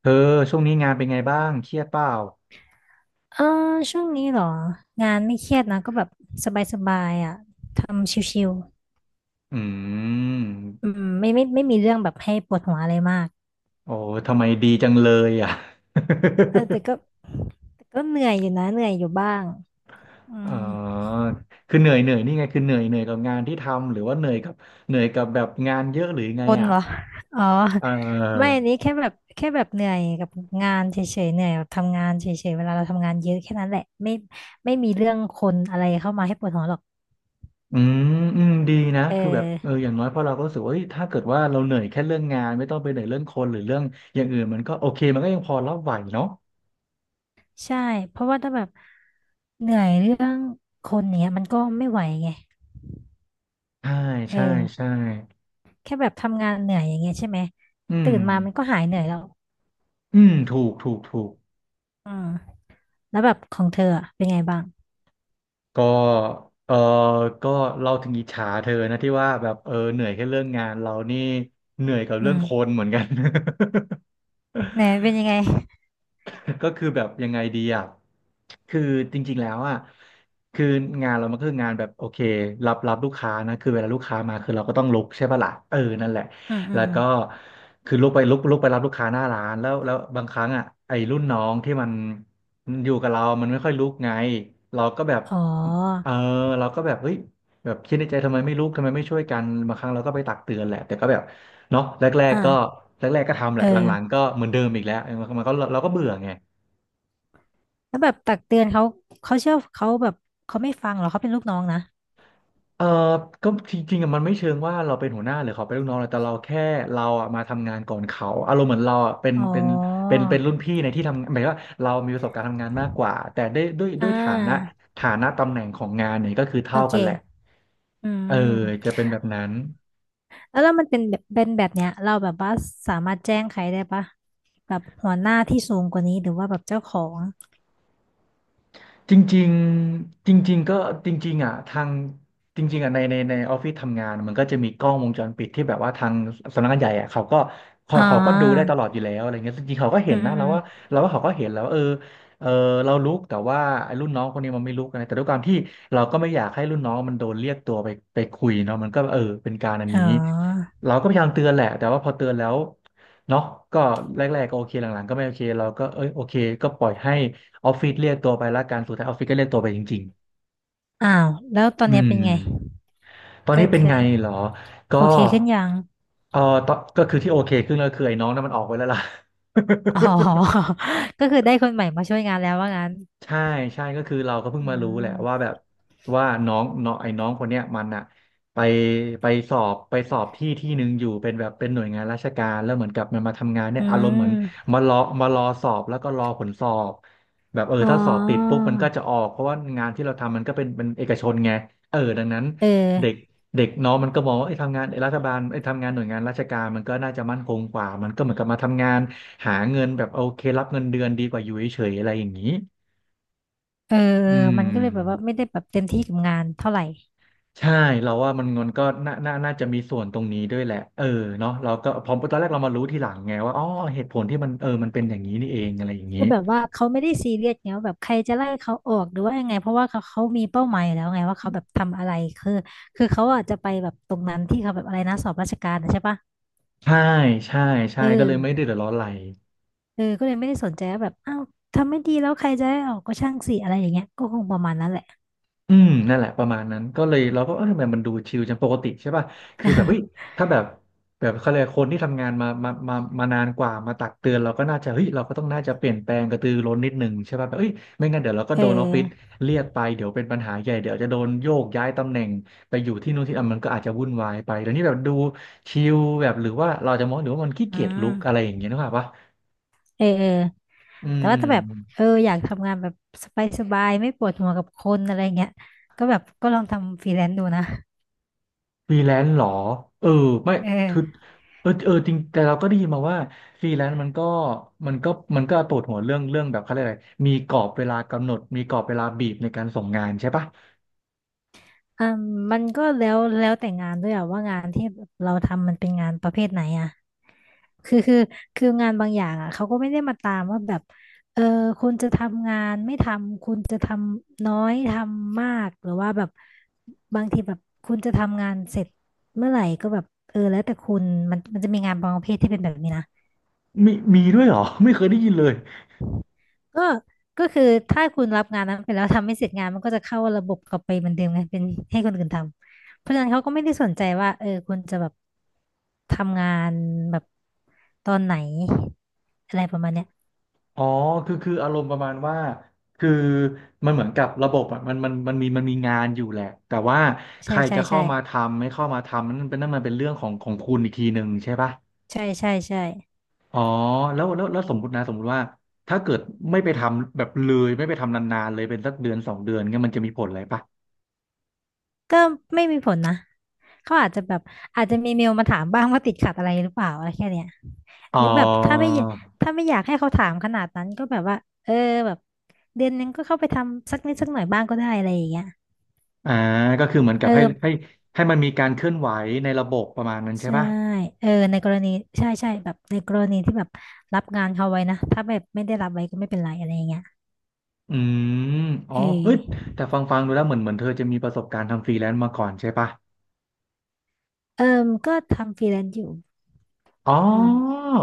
เธอช่วงนี้งานเป็นไงบ้างเครียดเปล่าเออช่วงนี้เหรองานไม่เครียดนะก็แบบสบายๆอ่ะทำชิวอืๆอืมมไม่มีเรื่องแบบให้ปวดหัวอะไรมากโอ้ทำไมดีจังเลยอ่ะ เออแต่ก็ แต่ก็เหนื่อยอยู่นะเหนื่อยอยู่บ้างอือ๋มอคือเหนื่อยนี่ไงคือเหนื่อยกับงานที่ทำหรือว่าเหนื่อยกับเหนื่อยกับแบบงานเยอะหรือไงคนอ่ะเหรออ๋อเไม่อออันนี้แค่แบบเหนื่อยกับงานเฉยๆเหนื่อยกับทำงานเฉยๆเวลาเราทำงานเยอะแค่นั้นแหละไม่ไม่มีเรื่องคนอะไรเข้ามาให้ปวดหัวหรอกอืมอืมดีนะเอคือแบบเออออย่างน้อยพอเราก็รู้สึกว่าเอ้ยถ้าเกิดว่าเราเหนื่อยแค่เรื่องงานไม่ต้องไปเหนื่อยเรื่องคนหรือเรื่องอย่างอื่นมันก็โอเคมันก็ยังพอรับไหวเนาะใช่เพราะว่าถ้าแบบเหนื่อยเรื่องคนเนี้ยมันก็ไม่ไหวไงใช่เอใช่อ ใช่แค่แบบทำงานเหนื่อยอย่างเงี้ยใช่ไหมอืตื่มนมามันก็หายเหนื่อยแล้วอืมถูกถูกถูก อืมแล้วแบบของเธออะเป็นไงบ้างก็เออก็เราถึงอิจฉาเธอนะที่ว่าแบบเออเหนื่อยแค่เรื่องงานเรานี่เหนื่อยกับอืเรื่องคนมเหมือนกัน ไหนเป็นยังไง ก็คือแบบยังไงดีอ่ะคือจริงๆแล้วอ่ะคืองานเรามันคืองานแบบโอเครับลูกค้านะคือเวลาลูกค้ามาคือเราก็ต้องลุกใช่ปะล่ะเออนั่นแหละ อืมอืแล้มวอืมก็คือลุกไปลุกไปรับลูกค้าหน้าร้านแล้วบางครั้งอ่ะไอ้รุ่นน้องที่มันอยู่กับเรา มันไม่ค่อยลุกไงเราก็แบบอ๋อเออเราก็แบบเฮ้ยแบบคิดในใจทำไมไม่ลุกทำไมไม่ช่วยกันบางครั้งเราก็ไปตักเตือนแหละแต่ก็แบบเนาะแรกๆก็อ่าแรกๆก็ทำแหเอละอหลังๆก็เหมือนเดิมอีกแล้วเออมันก็เราก็เบื่อไง แล้วแบบตักเตือนเขาเขาเชื่อเขาแบบเขาไม่ฟังเหรอเขาเป็นลูกน้องนะเออก็จริงๆอะมันไม่เชิงว่าเราเป็นหัวหน้าหรือเขาเป็นลูกน้องเลยแต่เราแค่เราอะมาทำงานก่อนเขา อารมณ์เหมือนเราอะเป็นอ๋อเป็นรุ่นพี่ในที่ทำหมายว่าเรามีประสบการณ์ทำงานมากกว่า แต่ได้ด้วยอ่ฐานะาตำแหน่งของงานเนี่ยก็คือโอเท่าเคกันแหละ อืเออมจะเป็นแบบนั้น แล้วมันเป็นแบบเนี้ยเราแบบว่าสามารถแจ้งใครได้ปะแบบหัวหน้าที่สูงกว่านี้หรือว่าแบบเจ้าของจริงๆจริงๆก็จริงๆอ่ะทางจริงๆอ่ะในในออฟฟิศทำงานมันก็จะมีกล้องวงจรปิดที่แบบว่าทางสำนักงานใหญ่อ่ะเขาก็อ่เขาก็ดูได้าตลอดอยู่แล้วอะไรเงี้ยจริงๆเขาก็อืเห็นมอืนะมอเราว่ามเขาก็เห็นแล้วว่าเออเรารู้แต่ว่าไอ้รุ่นน้องคนนี้มันไม่รู้กนนะแต่ด้วยความที่เราก็ไม่อยากให้รุ่นน้องมันโดนเรียกตัวไปคุยเนาะมันก็เออเป็นการอันอ๋นี้อ เราก็พยายามเตือนแหละแต่ว่าพอเตือนแล้วเนาะก็แรกๆก็โอเคหลังๆก็ไม่โอเคเราก็เอ้ยโอเคก็ปล่อยให้ ออฟฟิศเรียกตัวไปละกันสุดท้ายออฟฟิศก็เรียกตัวไปจริงอ้าวแล้วตอๆนอืเนี้ยมเป็นไงๆตอนก็นี้เป็นคือไงเหรอ ก็โอเคขึ้นยังเออตอนก็คือที่โอเคขึ้นแล้วคือไอ้น้องนั้นมันออกไปแล้วล่ะ อ๋อ ก็คือได้คนใหม่มาช่วยงานแล้วว่างั้นใช่ใช่ก็คือเราก็เพิ่งอืมารู้แหละว่ามแบบว่าน้องน้องไอ้น้องคนเนี้ยมันอะไปไปสอบที่ที่หนึ่งอยู่เป็นแบบเป็นหน่วยงานราชการแล้วเหมือนกับมันมาทำงานเนี่ยอือารมณ์เหมือนมมารอรอสอบแล้วก็รอผลสอบแบบเอออ๋อถ้าสอบติดปุ๊บมันก็จะออกเพราะว่างานที่เราทำมันก็เป็นเอกชนไงเออดังนั้นเออเด็กเด็กน้องมันก็มองว่าไอ้ยทำงานไอ้รัฐบาลไอ้ยทำงานหน่วยงานราชการมันก็น่าจะมั่นคงกว่ามันก็เหมือนกับมาทำงานหาเงินแบบโอเครับเงินเดือนดีกว่าอยู่เฉยๆอะไรอย่างนี้ เออเออือมันก็เลยแบบว่ามไม่ได้แบบเต็มที่กับงานเท่าไหร่ใช่เราว่ามันก็น่าน่าจะมีส่วนตรงนี้ด้วยแหละเออเนาะเราก็พอตอนแรกเรามารู้ทีหลังไงว่าอ๋อเหตุผลที่มันเออมันเป็นอย่างนี้นี่เองอะไรอย่างนี้คือแบบว่าเขาไม่ได้ซีเรียสไงว่าแบบใครจะไล่เขาออกหรือว่ายังไงเพราะว่าเขามีเป้าหมายอยู่แล้วไงว่าเขาแบบทำอะไรคือคือเขาอาจจะไปแบบตรงนั้นที่เขาแบบอะไรนะสอบราชการนะใช่ปะใช่ใช่ใช่เอก็เลยอ ไม่ได้เดือดร้อนอะไร เออก็เลยไม่ได้สนใจว่าแบบอ้าวทำไม่ดีแล้วใครจะได้ออกก็ช่างสิอะไรอย่างเงี้ยก็คงประมาณนั้นแหละ อืมนั่นแหละประมาณนั้นก็เลยเราก็เออทำไมมันดูชิลจังปกติใช่ป่ะคือแบบเฮ้ยถ้าแบบแบบเขาเรียกคนที่ทำงานมานานกว่ามาตักเตือนเราก็น่าจะเฮ้ยเราก็ต้องน่าจะเปลี่ยนแปลงกระตือร้นนิดหนึ่งใช่ป่ะแบบเฮ้ยไม่งั้นเดี๋ยวเราก็เออโดนออฟฟิศเรียกไปเดี๋ยวเป็นปัญหาใหญ่เดี๋ยวจะโดนโยกย้ายตำแหน่งไปอยู่ที่นู่นที่นั่นมันก็อาจจะวุ่นวายไปแล้วนี่แบบดูชิลแบบหรือว่าเราจะมองหรือว่ามันขี้อืเกียจลุกอะไรมอย่างเงี้ยนึกภาพปะเออเอออืแต่ว่าถ้าแบบเออม อยากทำงานแบบสบายๆไม่ปวดหัวกับคนอะไรเงี้ยก็แบบก็ลองทำฟรีแลนซ์ดูนะฟรีแลนซ์เหรอเออไม่เออ คือเออจริงแต่เราก็ได้ยินมาว่าฟรีแลนซ์มันก็มันก็มันก็ปวดหัวเรื่องแบบเขาเรียกอะไรมีกรอบเวลากำหนดมีกรอบเวลาบีบในการส่งงานใช่ปะอืมมันก็แล้วแต่งานด้วยอะว่างานที่เราทำมันเป็นงานประเภทไหนอะคือคือคืองานบางอย่างอะเขาก็ไม่ได้มาตามว่าแบบเออคุณจะทำงานไม่ทำคุณจะทำน้อยทำมากหรือว่าแบบบางทีแบบคุณจะทำงานเสร็จเมื่อไหร่ก็แบบเออแล้วแต่คุณมันจะมีงานบางประเภทที่เป็นแบบนี้นะ มีมีด้วยเหรอ ไม่เคยได้ยินเลยก็ก็คือถ้าคุณรับงานนั้นไปแล้วทำไม่เสร็จงานมันก็จะเข้าระบบกลับไปเหมือนเดิมไงเป็นให้คนอื่นทำเพราะฉะนั้นเขาก็ไม่ได้สนใจว่าเออคุณจะแบบทำงานแบบตอนไหนอะไรประมาณเนี้ยอ๋อคืออารมณ์ประมาณว่าคือมันเหมือนกับระบบอ่ะมันมีมีงานอยู่แหละแต่ว่าใคใช่รใช่จะเข้าใช่มาทำไม่เข้ามาทำนั่นเป็นนั่นมันเป็นเรื่องของคุณอีกทีหนึ่งใช่ปะ ใช่ใช่ใช่อ๋อแล้วสมมตินะสมมติว่าถ้าเกิดไม่ไปทำแบบเลยไม่ไปทำนานๆเลยเป็นสักเดือนสองเดือนเงี้ยมันจะมีผลอะไรปะก็ไม่มีผลนะเขาอาจจะแบบอาจจะมีเมลมาถามบ้างว่าติดขัดอะไรหรือเปล่าอะไรแค่เนี้ยอ๋อหรือแบบถ้าไม่อยากให้เขาถามขนาดนั้นก็แบบว่าเออแบบเดือนนึงก็เข้าไปทำสักนิดสักหน่อยบ้างก็ได้อะไรอย่างเงี้ย อ่าก็คือเหมือนเอกัอบให้ให้มันมีการเคลื่อนไหวในระบบประมาณนั้นใช่ใช่ปะเออในกรณีใช่ใช่แบบในกรณีที่แบบรับงานเขาไว้นะถ้าแบบไม่ได้รับไว้ก็ไม่เป็นไรอะไรอย่างเงี้ยอืมอ๋อเอเฮ้ยอแต่ฟังดูแล้วเหมือนเธอจะมีประสบการณ์ทำฟรีแลนซ์มาก่อนใช่ปะเออก็ทำฟรีแลนซ์อยู่อ๋ออืม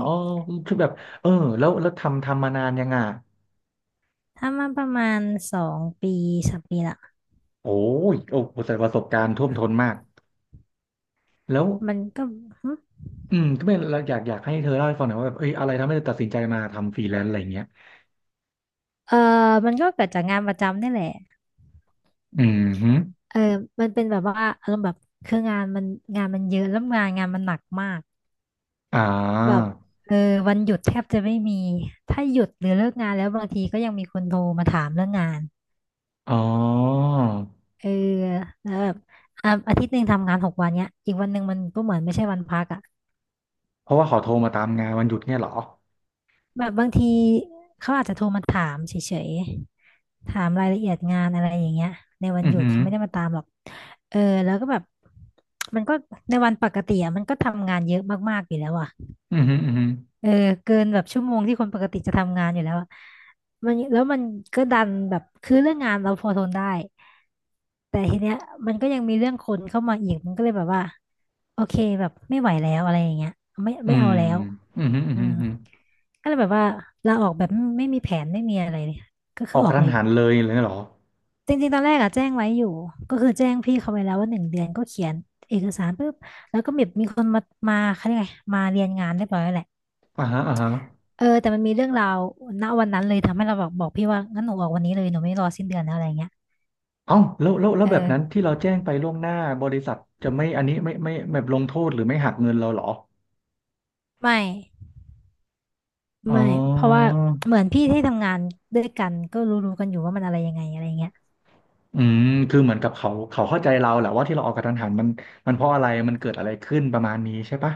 อ๋อคือแบบเออแล้วทำมานานยังอ่ะทำมาประมาณ2 ปี3 ปีละโอ้ยโอ้โหแต่ประสบการณ์ท่วมท้นมากแล้ว มันก็หึอืมก็เป็นเราอยากอยากให้เธอเล่าให้ฟังหน่อยว่าแบบเอ้ยอะไรทำให้เธอตัดสินใจมาทำฟรีแลนซ์อะไรอย่างเงี้ยเออมันก็เกิดจากงานประจำนี่แหละอืมฮึเออมันเป็นแบบว่าอารมณ์แบบคืองานมันเยอะแล้วงานมันหนักมากอ่แบบาเออวันหยุดแทบจะไม่มีถ้าหยุดหรือเลิกงานแล้วบางทีก็ยังมีคนโทรมาถามเรื่องงาน อ๋อเออแล้วแบบอ่ะอาทิตย์หนึ่งทำงาน6 วันเนี้ยอีกวันหนึ่งมันก็เหมือนไม่ใช่วันพักอ่ะเพราะว่าเขาโทรมาตามงานวันหยุดเนี่ยเหรอแบบบางทีเขาอาจจะโทรมาถามเฉยๆถามรายละเอียดงานอะไรอย่างเงี้ยในวัอืนอหยุหืดอเขาไม่ได้มาตามหรอกเออแล้วก็แบบมันก็ในวันปกติอ่ะมันก็ทำงานเยอะมากๆอยู่แล้วอ่ะอือหืออือหือเออเกินแบบชั่วโมงที่คนปกติจะทำงานอยู่แล้วอะมันก็ดันแบบคือเรื่องงานเราพอทนได้ แต่ทีเนี้ยมันก็ยังมีเรื่องคนเข้ามาอีกมันก็เลยแบบว่าโอเคแบบไม่ไหวแล้วอะไรอย่างเงี้ยไม่อืไม่เอามแล้วอือหืออืออืหือมอือหือก็เลยแบบว่าลาออกแบบไม่มีแผนไม่มีอะไรเลยก็อคืออกอกอกระทันเลยหันเลยเลยเหรอจริงๆตอนแรกอะแจ้งไว้อยู่ก็คือแจ้งพี่เขาไว้แล้วว่า1 เดือนก็เขียนเอกสารปุ๊บแล้วก็แบบมีคนมาเขาเรียกไงมาเรียนงานเรียบร้อยแล้วแหละอ่าฮะอ่าฮะเออแต่มันมีเรื่องราวณวันนั้นเลยทำให้เราแบบบอกพี่ว่างั้นหนูออกวันนี้เลยหนูไม่รอสิ้นเดือนแล้วอะไรเงี้ยเอ้าแล้วเอแบบอนั้นที่เราแจ้งไปล่วงหน้าบริษัทจะไม่อันนี้ไม่แบบลงโทษหรือไม่หักเงินเราเหรอไม่ อ๋ไม่อ เพราะว่าเหมือนพี่ที่ทำงานด้วยกันก็รู้ๆกันอยู่ว่ามันอะไรยังไงอะไรเงี้ยอืมคือเหมือนกับเขาเข้าใจเราแหละว่าที่เราออกกระทันหันมันมันเพราะอะไรมันเกิดอะไรขึ้นประมาณนี้ใช่ปะ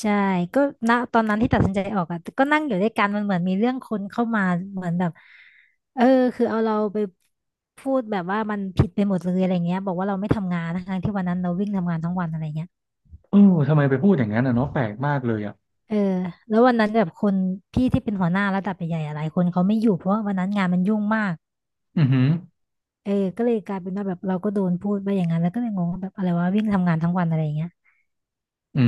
ใช่ก็ณตอนนั้นที่ตัดสินใจออกอ่ะก็นั่งอยู่ด้วยกันมันเหมือนมีเรื่องคนเข้ามาเหมือนแบบเออคือเอาเราไปพูดแบบว่ามันผิดไปหมดเลยอะไรเงี้ยบอกว่าเราไม่ทำงานทั้งๆที่วันนั้นเราวิ่งทำงานทั้งวันอะไรเงี้ยเออทำไมไปพูดอย่างนั้นอ่ะเนาะแปลกมากเลยอ่ะเออแล้ววันนั้นแบบคนพี่ที่เป็นหัวหน้าระดับใหญ่ๆหลายคนเขาไม่อยู่เพราะว่าวันนั้นงานมันยุ่งมากอือหือเออก็เลยกลายเป็นว่าแบบเราก็โดนพูดไปอย่างนั้นแล้วก็เลยงงว่าแบบอะไรวะวิ่งทำงานทั้งวันอะไรเงี้ย อื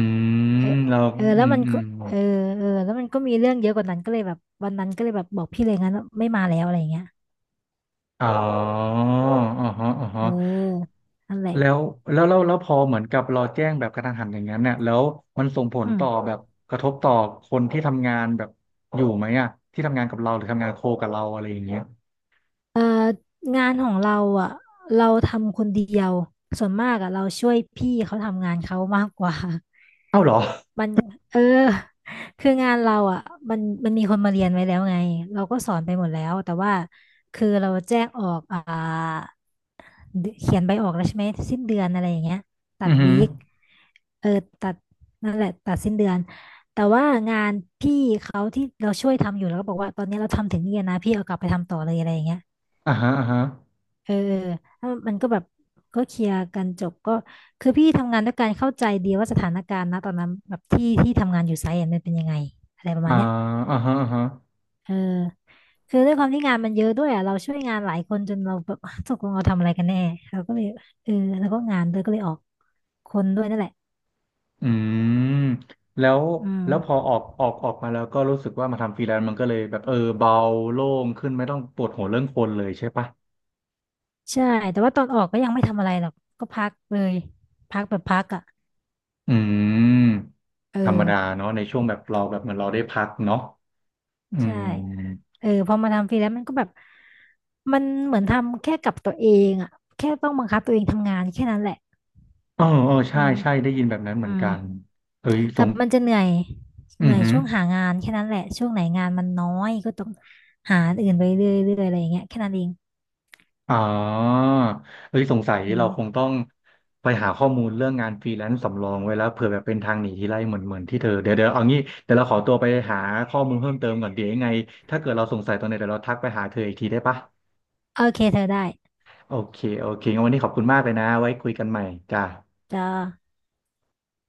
เออมเราเอออืแล้วมมันก็เออเออแล้วมันก็มีเรื่องเยอะกว่านั้นก็เลยแบบวันนั้นก็เลยแบบบอกพี่เลยงั้นว่าไม่มาแล้วอะไรอย่างเงี้ยอ๋ออ๋อฮะอ๋อเฮะออนั่นแหละแล้วแล้วพอเหมือนกับเราแจ้งแบบกระทันหันอย่างนั้นเนี่ยแล้วมันส่งผลอืต่อมแบบกระทบต่อคนที่ทำงานแบบอยู่ไหมอ่ะที่ทำงานกับเราหรือทำงานโคกับเราอะไรอย่างเงี้ยเอองานของเราอ่ะเราทำคนเดียวส่วนมากอ่ะเราช่วยพี่เขาทำงานเขามากกว่า เอ้าเหรอ มันเออคืองานเราอ่ะมันมันมีคนมาเรียนไว้แล้วไงเราก็สอนไปหมดแล้วแต่ว่าคือเราแจ้งออกเดเขียนใบออกแล้วใช่ไหมสิ้นเดือนอะไรอย่างเงี้ยตัอืดอหืวีอคเออตัดนั่นแหละตัดสิ้นเดือนแต่ว่างานพี่เขาที่เราช่วยทำอยู่แล้วก็บอกว่าตอนนี้เราทำถึงนี่แล้วนะพี่เอากลับไปทำต่อเลยอะไรอย่างเงี้ยอ่าฮะอ่าฮะเออแล้วมันก็แบบก็เคลียร์กันจบก็คือพี่ทำงานด้วยการเข้าใจดีว่าสถานการณ์นะตอนนั้นแบบที่ทำงานอยู่ไซต์อะมันเป็นยังไงอะไรประมาอ่าณเนี้ยอ่าฮะอ่าฮะ เออคือด้วยความที่งานมันเยอะด้วยอ่ะเราช่วยงานหลายคนจนเราแบบ ตกลงเราทำอะไรกันแน่เราก็เลยเออแล้วก็งานเลยก็เลยออก คนด้วยนั่นแหละอืมแล้วอืแล้วพอมออกมาแล้วก็รู้สึกว่ามาทำฟรีแลนซ์มันก็เลยแบบเออเบาโล่งขึ้นไม่ต้องปวดหัวเรื่องคนเลยใช่ปะใช่ แต่ว่าตอนออกก็ยังไม่ทำอะไรหรอกก็พักเลย พักแบบพักอ่ะอืมเอธรรมดาอเนาะในช่วงแบบเราแบบเหมือนเราได้พักเนาะอืใช่มเออพอมาทำฟรีแล้วมันก็แบบมันเหมือนทำแค่กับตัวเองอ่ะแค่ต้องบังคับตัวเองทำงานแค่นั้นแหละเอออืใช่มใช่ได้ยินแบบนั้นเหอืมือนมกันเฮ้ยสกังบมันจะเหนื่อยอืเหอนื่อยหือ ช่วงหางานแค่นั้นแหละช่วงไหนงานมันน้อยก็ต้องหาอันอื่นไปเรื่อยๆอะไรอย่างเงี้ยแค่นั้นเองอ๋อเอ้ยสงสัยอืเราคงมต้องไปหาข้อมูลเรื่องงานฟรีแลนซ์สำรองไว้แล้วเผื่อแบบเป็นทางหนีทีไลเหมือนที่เธอเดี๋ยวเอางี้เดี๋ยวเราขอตัวไปหาข้อมูลเพิ่มเติมก่อนเดี๋ยวยังไงถ้าเกิดเราสงสัยตรงไหนเดี๋ยวเราทักไปหาเธออีกทีได้ปะโอเคเธอได้โอเคงั้นวันนี้ขอบคุณมากเลยนะไว้คุยกันใหม่จ้าจ้า